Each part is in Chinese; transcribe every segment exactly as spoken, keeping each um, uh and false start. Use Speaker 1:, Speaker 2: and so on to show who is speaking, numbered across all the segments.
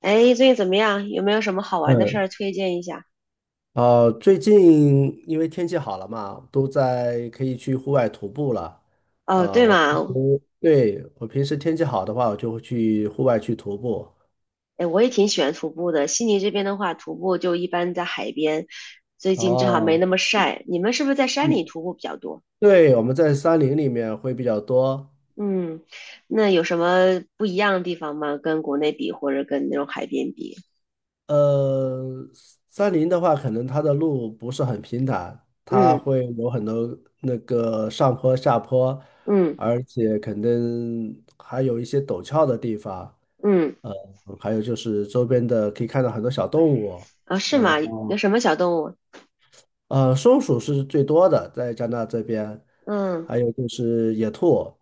Speaker 1: 哎，最近怎么样？有没有什么好玩的事
Speaker 2: 嗯，
Speaker 1: 儿推荐一下？
Speaker 2: 呃，最近因为天气好了嘛，都在可以去户外徒步了。
Speaker 1: 哦，
Speaker 2: 呃，
Speaker 1: 对
Speaker 2: 我平
Speaker 1: 嘛。
Speaker 2: 时对我平时天气好的话，我就会去户外去徒步。
Speaker 1: 哎，我也挺喜欢徒步的。悉尼这边的话，徒步就一般在海边，最近正好没
Speaker 2: 哦，
Speaker 1: 那么晒。你们是不是在山
Speaker 2: 嗯，
Speaker 1: 里徒步比较多？
Speaker 2: 对，我们在山林里面会比较多。
Speaker 1: 嗯，那有什么不一样的地方吗？跟国内比，或者跟那种海边比？
Speaker 2: 呃，山林的话，可能它的路不是很平坦，它
Speaker 1: 嗯
Speaker 2: 会有很多那个上坡下坡，
Speaker 1: 嗯
Speaker 2: 而且可能还有一些陡峭的地方。
Speaker 1: 嗯，
Speaker 2: 嗯还有就是周边的可以看到很多小动物，
Speaker 1: 啊，是
Speaker 2: 然
Speaker 1: 吗？有
Speaker 2: 后
Speaker 1: 什么小动物？
Speaker 2: 呃，松鼠是最多的，在加拿大这边，
Speaker 1: 嗯，
Speaker 2: 还有就是野兔，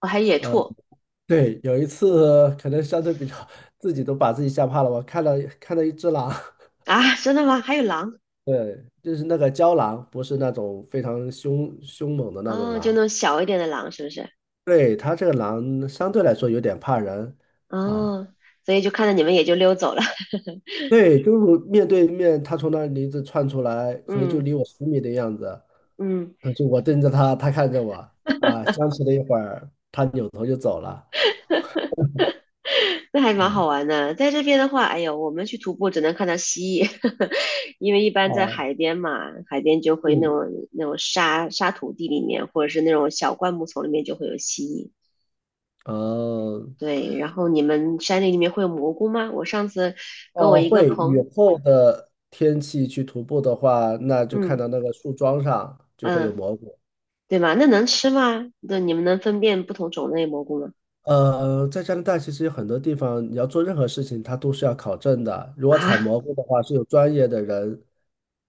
Speaker 1: 哦，还有野
Speaker 2: 呃，
Speaker 1: 兔。
Speaker 2: 对，有一次可能相对比较自己都把自己吓怕了，我看到看到一只狼，
Speaker 1: 啊？真的吗？还有狼？
Speaker 2: 对，就是那个郊狼，不是那种非常凶凶猛的那种
Speaker 1: 哦，就那
Speaker 2: 狼，
Speaker 1: 种小一点的狼，是不是？
Speaker 2: 对，它这个狼相对来说有点怕人啊，
Speaker 1: 哦，所以就看到你们也就溜走了。
Speaker 2: 对，就是面对面，它从那里一直窜出来，可能就
Speaker 1: 嗯。
Speaker 2: 离我十米的样子。
Speaker 1: 嗯，
Speaker 2: 就我盯着他，他看着我，啊，僵持了一会儿，他扭头就走了。
Speaker 1: 那还蛮好玩的。在这边的话，哎呦，我们去徒步只能看到蜥蜴，因为一般在
Speaker 2: 啊，
Speaker 1: 海边嘛，海边就会那
Speaker 2: 嗯，
Speaker 1: 种那种沙沙土地里面，或者是那种小灌木丛里面就会有蜥蜴。
Speaker 2: 嗯，
Speaker 1: 对，然后你们山里里面会有蘑菇吗？我上次跟我
Speaker 2: 哦，
Speaker 1: 一个
Speaker 2: 会雨
Speaker 1: 朋，
Speaker 2: 后的天气去徒步的话，那就看
Speaker 1: 嗯
Speaker 2: 到那个树桩上就会有
Speaker 1: 嗯，
Speaker 2: 蘑菇。
Speaker 1: 对吧？那能吃吗？对，你们能分辨不同种类蘑菇吗？
Speaker 2: 呃，在加拿大其实有很多地方，你要做任何事情，它都是要考证的。如果采
Speaker 1: 啊，
Speaker 2: 蘑菇的话，是有专业的人，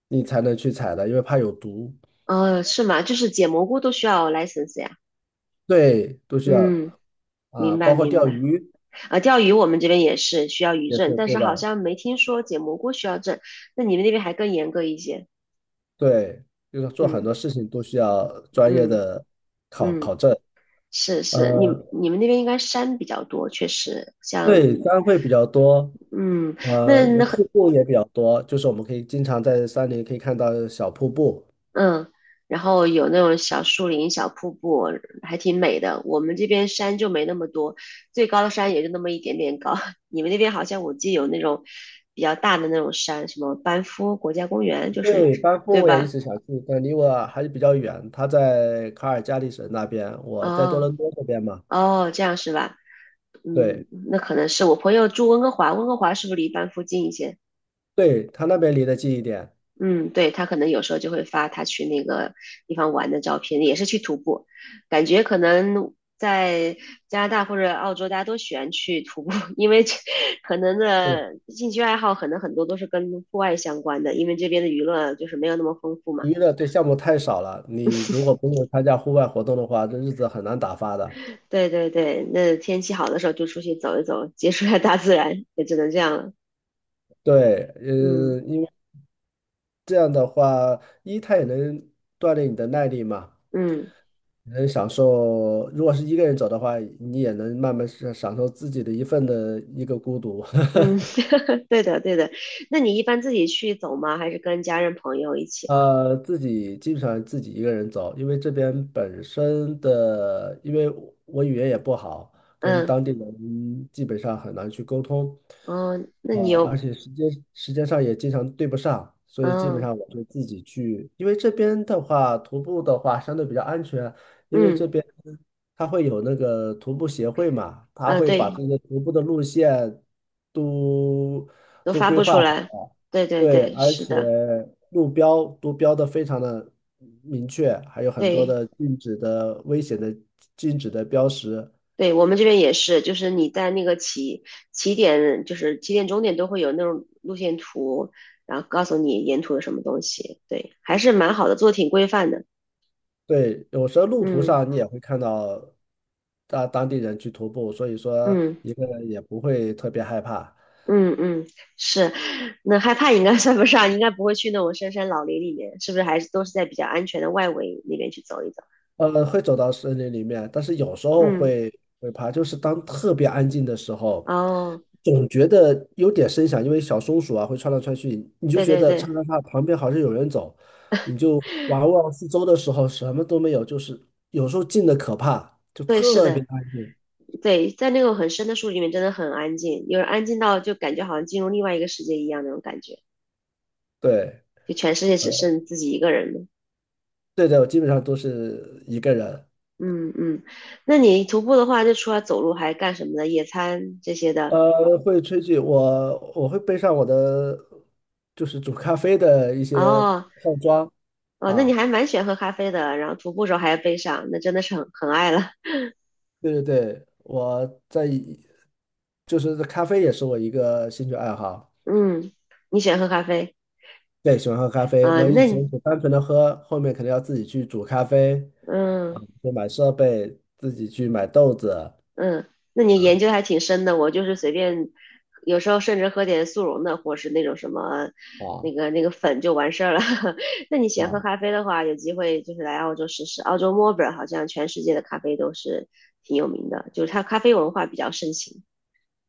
Speaker 2: 你才能去采的，因为怕有毒。
Speaker 1: 哦，是吗？就是捡蘑菇都需要 L I C E N S E 呀？
Speaker 2: 对，都需要
Speaker 1: 嗯，
Speaker 2: 啊，
Speaker 1: 明白
Speaker 2: 包括
Speaker 1: 明
Speaker 2: 钓
Speaker 1: 白。
Speaker 2: 鱼
Speaker 1: 啊，钓鱼我们这边也是需要渔
Speaker 2: 也
Speaker 1: 证，
Speaker 2: 是，
Speaker 1: 但
Speaker 2: 对
Speaker 1: 是好
Speaker 2: 吧？
Speaker 1: 像没听说捡蘑菇需要证。那你们那边还更严格一些？
Speaker 2: 对，就是做很
Speaker 1: 嗯
Speaker 2: 多事情都需要专业
Speaker 1: 嗯
Speaker 2: 的考考
Speaker 1: 嗯，
Speaker 2: 证。
Speaker 1: 是是，你
Speaker 2: 呃，
Speaker 1: 你们那边应该山比较多，确实像
Speaker 2: 对，山会比较多，
Speaker 1: 嗯，
Speaker 2: 呃，
Speaker 1: 那那很
Speaker 2: 瀑布也比较多，就是我们可以经常在山里可以看到小瀑布。
Speaker 1: 嗯，然后有那种小树林、小瀑布，还挺美的。我们这边山就没那么多，最高的山也就那么一点点高。你们那边好像我记得有那种比较大的那种山，什么班夫国家公园，就是
Speaker 2: 对，班夫
Speaker 1: 对
Speaker 2: 我也一
Speaker 1: 吧？
Speaker 2: 直想去，但离我还是比较远。他在卡尔加里省那边，我在多
Speaker 1: 哦。
Speaker 2: 伦多这边嘛。
Speaker 1: 哦，这样是吧？嗯，
Speaker 2: 对，
Speaker 1: 那可能是我朋友住温哥华，温哥华是不是离班附近一些？
Speaker 2: 对，他那边离得近一点。
Speaker 1: 嗯，对，他可能有时候就会发他去那个地方玩的照片，也是去徒步，感觉可能在加拿大或者澳洲，大家都喜欢去徒步，因为这可能的
Speaker 2: 是
Speaker 1: 兴趣爱好可能很多都是跟户外相关的，因为这边的娱乐就是没有那么丰富嘛。
Speaker 2: 娱乐对项目太少了，你如果不用参加户外活动的话，这日子很难打发的。
Speaker 1: 对对对，那天气好的时候就出去走一走，接触一下大自然，也只能这样了。
Speaker 2: 对，
Speaker 1: 嗯
Speaker 2: 嗯、这样的话，一它也能锻炼你的耐力嘛，
Speaker 1: 嗯。
Speaker 2: 能享受。如果是一个人走的话，你也能慢慢是享受自己的一份的一个孤独。
Speaker 1: 嗯，对的，对的。那你一般自己去走吗？还是跟家人朋友一起？
Speaker 2: 呃，自己基本上自己一个人走，因为这边本身的，因为我我语言也不好，跟
Speaker 1: 嗯，
Speaker 2: 当地人基本上很难去沟通，
Speaker 1: 嗯，那
Speaker 2: 呃，
Speaker 1: 你
Speaker 2: 而
Speaker 1: 有，
Speaker 2: 且时间时间上也经常对不上，所以基本
Speaker 1: 嗯
Speaker 2: 上我就自己去，因为这边的话，徒步的话相对比较安全，因为这
Speaker 1: 嗯
Speaker 2: 边它会有那个徒步协会嘛，他
Speaker 1: 啊，
Speaker 2: 会把
Speaker 1: 对，
Speaker 2: 这个徒步的路线都
Speaker 1: 都
Speaker 2: 都
Speaker 1: 发
Speaker 2: 规
Speaker 1: 布出
Speaker 2: 划好。
Speaker 1: 来。对对
Speaker 2: 对，
Speaker 1: 对，
Speaker 2: 而
Speaker 1: 是
Speaker 2: 且
Speaker 1: 的，
Speaker 2: 路标都标的非常的明确，还有很多
Speaker 1: 对
Speaker 2: 的禁止的危险的禁止的标识。
Speaker 1: 对，我们这边也是，就是你在那个起起点，就是起点终点都会有那种路线图，然后告诉你沿途有什么东西。对，还是蛮好的，做得挺规范的。
Speaker 2: 对，有时候路途
Speaker 1: 嗯
Speaker 2: 上你也会看到大当地人去徒步，所以说
Speaker 1: 嗯。
Speaker 2: 一个人也不会特别害怕。
Speaker 1: 嗯嗯，是，那害怕应该算不上，应该不会去那种深山老林里面，是不是还是都是在比较安全的外围那边去走一走？
Speaker 2: 呃，会走到森林里面，但是有时候
Speaker 1: 嗯，
Speaker 2: 会会怕，就是当特别安静的时候，
Speaker 1: 哦，
Speaker 2: 总觉得有点声响，因为小松鼠啊会窜来窜去，你就
Speaker 1: 对
Speaker 2: 觉
Speaker 1: 对
Speaker 2: 得嚓
Speaker 1: 对
Speaker 2: 嚓嚓旁边好像有人走，你就玩望四周的时候什么都没有，就是有时候静的可怕，就
Speaker 1: 对，是
Speaker 2: 特别
Speaker 1: 的，
Speaker 2: 安静。
Speaker 1: 对，在那种很深的树里面真的很安静，有人安静到就感觉好像进入另外一个世界一样那种感觉，
Speaker 2: 对，
Speaker 1: 就全世界只剩自己一个人了。
Speaker 2: 对的，我基本上都是一个人。
Speaker 1: 嗯嗯，那你徒步的话，就除了走路还干什么呢？野餐这些的。
Speaker 2: 呃，会吹剧，我我会背上我的就是煮咖啡的一些
Speaker 1: 哦
Speaker 2: 套装
Speaker 1: 哦，那你
Speaker 2: 啊。
Speaker 1: 还蛮喜欢喝咖啡的，然后徒步时候还要背上，那真的是很很爱了。
Speaker 2: 对对对，我在就是咖啡也是我一个兴趣爱好，
Speaker 1: 嗯，你喜欢喝咖啡
Speaker 2: 对，喜欢喝咖啡。
Speaker 1: 啊？
Speaker 2: 我以
Speaker 1: 那
Speaker 2: 前
Speaker 1: 你
Speaker 2: 只单纯的喝，后面肯定要自己去煮咖啡，啊，
Speaker 1: 嗯
Speaker 2: 就买设备，自己去买豆子，
Speaker 1: 嗯，那你研究
Speaker 2: 啊
Speaker 1: 还挺深的。我就是随便，有时候甚至喝点速溶的，或是那种什么
Speaker 2: 啊
Speaker 1: 那个那个粉就完事儿了。那你喜欢喝
Speaker 2: 啊，
Speaker 1: 咖啡的话，有机会就是来澳洲试试。澳洲墨尔本好像全世界的咖啡都是挺有名的，就是它咖啡文化比较盛行。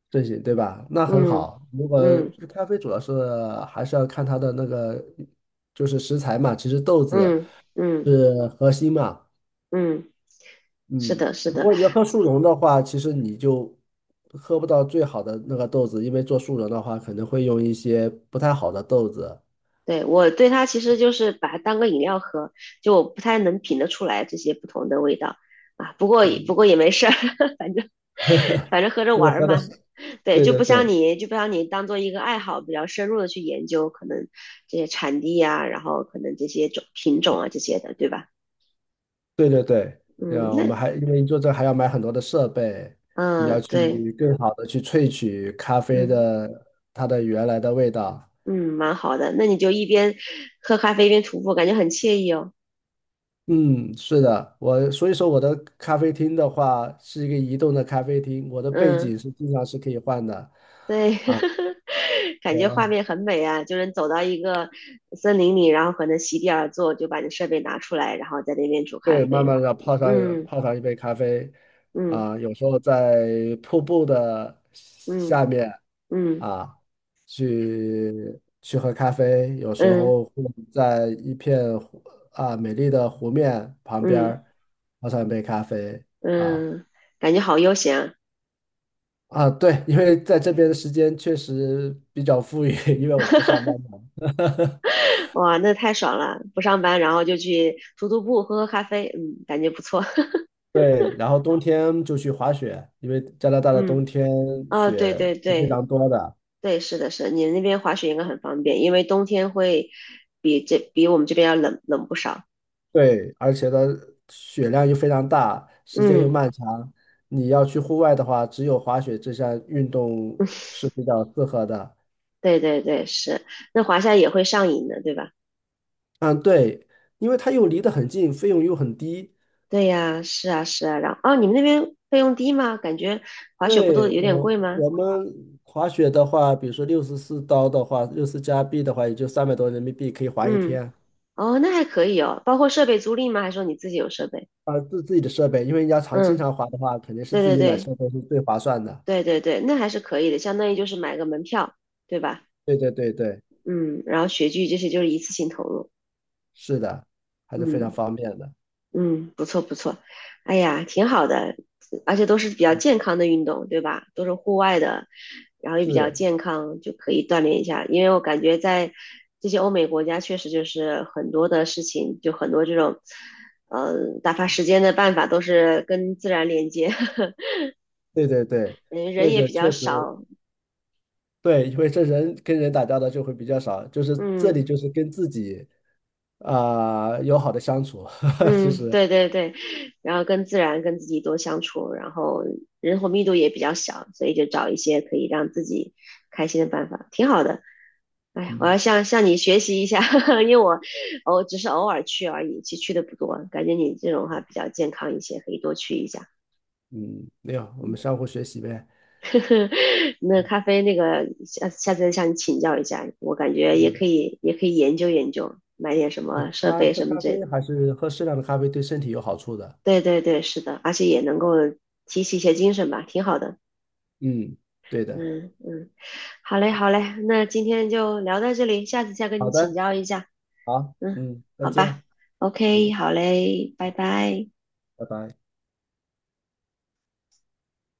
Speaker 2: 这些对吧？那很
Speaker 1: 嗯
Speaker 2: 好。如果
Speaker 1: 嗯
Speaker 2: 咖啡主要是还是要看它的那个就是食材嘛，其实豆子
Speaker 1: 嗯嗯
Speaker 2: 是核心嘛。
Speaker 1: 嗯嗯，是
Speaker 2: 嗯，
Speaker 1: 的，是
Speaker 2: 如
Speaker 1: 的。
Speaker 2: 果你要喝速溶的话，其实你就喝不到最好的那个豆子，因为做速溶的话，可能会用一些不太好的豆子。
Speaker 1: 对，我对它其实就是把它当个饮料喝，就我不太能品得出来这些不同的味道啊。不过也不过也没事儿，反正反正喝着
Speaker 2: 如果
Speaker 1: 玩儿
Speaker 2: 喝的
Speaker 1: 嘛。
Speaker 2: 是，
Speaker 1: 对，
Speaker 2: 对
Speaker 1: 就
Speaker 2: 对
Speaker 1: 不像
Speaker 2: 对
Speaker 1: 你，就不像你当做一个爱好，比较深入的去研究，可能这些产地呀，然后可能这些种品种啊这些的，对吧？
Speaker 2: 对对对，
Speaker 1: 嗯，
Speaker 2: 呃，我
Speaker 1: 那
Speaker 2: 们还因为你做这还要买很多的设备，你要
Speaker 1: 嗯对，
Speaker 2: 去更好的去萃取咖啡
Speaker 1: 嗯
Speaker 2: 的它的原来的味道。
Speaker 1: 嗯，蛮好的。那你就一边喝咖啡一边徒步，感觉很惬意哦。
Speaker 2: 嗯，是的，我所以说我的咖啡厅的话是一个移动的咖啡厅，我的背
Speaker 1: 嗯。
Speaker 2: 景是经常是可以换的。
Speaker 1: 对，感觉画面很美啊，就是走到一个森林里，然后可能席地而坐，就把你设备拿出来，然后在那边煮咖
Speaker 2: 对，慢
Speaker 1: 啡。
Speaker 2: 慢的泡上
Speaker 1: 嗯
Speaker 2: 泡上一杯咖啡，
Speaker 1: 嗯
Speaker 2: 啊，有时候在瀑布的
Speaker 1: 嗯
Speaker 2: 下面
Speaker 1: 嗯
Speaker 2: 啊，去去喝咖啡，有时
Speaker 1: 嗯
Speaker 2: 候会在一片湖啊美丽的湖面旁边
Speaker 1: 嗯
Speaker 2: 儿泡上一杯咖啡啊
Speaker 1: 嗯，感觉好悠闲啊，
Speaker 2: 啊，对，因为在这边的时间确实比较富裕，因为我不上班嘛。
Speaker 1: 哇，那太爽了！不上班，然后就去徒徒步，喝喝咖啡，嗯，感觉不错。
Speaker 2: 对，然后冬天就去滑雪，因为加拿大的冬
Speaker 1: 嗯，
Speaker 2: 天
Speaker 1: 哦，
Speaker 2: 雪
Speaker 1: 对对
Speaker 2: 是非
Speaker 1: 对
Speaker 2: 常多的。
Speaker 1: 对，是的，是的，你那边滑雪应该很方便，因为冬天会比这比我们这边要冷冷不少。
Speaker 2: 对，而且它雪量又非常大，时间又
Speaker 1: 嗯
Speaker 2: 漫长。你要去户外的话，只有滑雪这项运动是比较适合的。
Speaker 1: 对对对，是，那华夏也会上瘾的，对吧？
Speaker 2: 嗯，对，因为它又离得很近，费用又很低。
Speaker 1: 对呀，是啊是啊，然后哦，你们那边费用低吗？感觉滑雪不都
Speaker 2: 对，
Speaker 1: 有点
Speaker 2: 我
Speaker 1: 贵吗？
Speaker 2: 我们滑雪的话，比如说六十四刀的话，六十加币的话，也就三百多人民币可以滑一
Speaker 1: 嗯，
Speaker 2: 天。
Speaker 1: 哦，那还可以哦，包括设备租赁吗？还是说你自己有设备？
Speaker 2: 啊，自自己的设备，因为你要常经
Speaker 1: 嗯，
Speaker 2: 常滑的话，肯定是
Speaker 1: 对
Speaker 2: 自
Speaker 1: 对
Speaker 2: 己买
Speaker 1: 对
Speaker 2: 设备是最划算的。
Speaker 1: 对对对，那还是可以的，相当于就是买个门票，对吧？
Speaker 2: 对对对对，
Speaker 1: 嗯，然后雪具这些就是一次性投入，
Speaker 2: 是的，还是非常
Speaker 1: 嗯。
Speaker 2: 方便的。
Speaker 1: 嗯，不错不错，哎呀，挺好的，而且都是比较健康的运动，对吧？都是户外的，然后也比较
Speaker 2: 是，
Speaker 1: 健康，就可以锻炼一下。因为我感觉在这些欧美国家，确实就是很多的事情，就很多这种，呃，打发时间的办法都是跟自然连接，
Speaker 2: 对对对，
Speaker 1: 嗯，人
Speaker 2: 这
Speaker 1: 也
Speaker 2: 个
Speaker 1: 比较
Speaker 2: 确实
Speaker 1: 少，
Speaker 2: 对，因为这人跟人打交道就会比较少，就是这里
Speaker 1: 嗯。
Speaker 2: 就是跟自己啊、友好的相处，其
Speaker 1: 嗯，
Speaker 2: 实
Speaker 1: 对对对，然后跟自然、跟自己多相处，然后人口密度也比较小，所以就找一些可以让自己开心的办法，挺好的。哎，我
Speaker 2: 嗯
Speaker 1: 要向向你学习一下，因为我我只是偶尔去而已，其实去的不多。感觉你这种话比较健康一些，可以多去一下。
Speaker 2: 嗯，没有，我
Speaker 1: 嗯，
Speaker 2: 们相互学习呗，
Speaker 1: 那咖啡那个下下次再向你请教一下，我感觉也
Speaker 2: 嗯，
Speaker 1: 可以也可以研究研究，买点什
Speaker 2: 对，
Speaker 1: 么设
Speaker 2: 咖
Speaker 1: 备
Speaker 2: 喝
Speaker 1: 什么
Speaker 2: 咖
Speaker 1: 这
Speaker 2: 啡还是喝适量的咖啡对身体有好处的，
Speaker 1: 对对对，是的，而且也能够提起一些精神吧，挺好的。
Speaker 2: 嗯，对的，
Speaker 1: 嗯嗯，好嘞好嘞，那今天就聊到这里，下次再跟
Speaker 2: 好
Speaker 1: 你请
Speaker 2: 的，
Speaker 1: 教一下。
Speaker 2: 好，
Speaker 1: 嗯，
Speaker 2: 嗯，再
Speaker 1: 好吧
Speaker 2: 见，
Speaker 1: ，O K，
Speaker 2: 嗯，
Speaker 1: 好嘞，拜拜。
Speaker 2: 拜拜。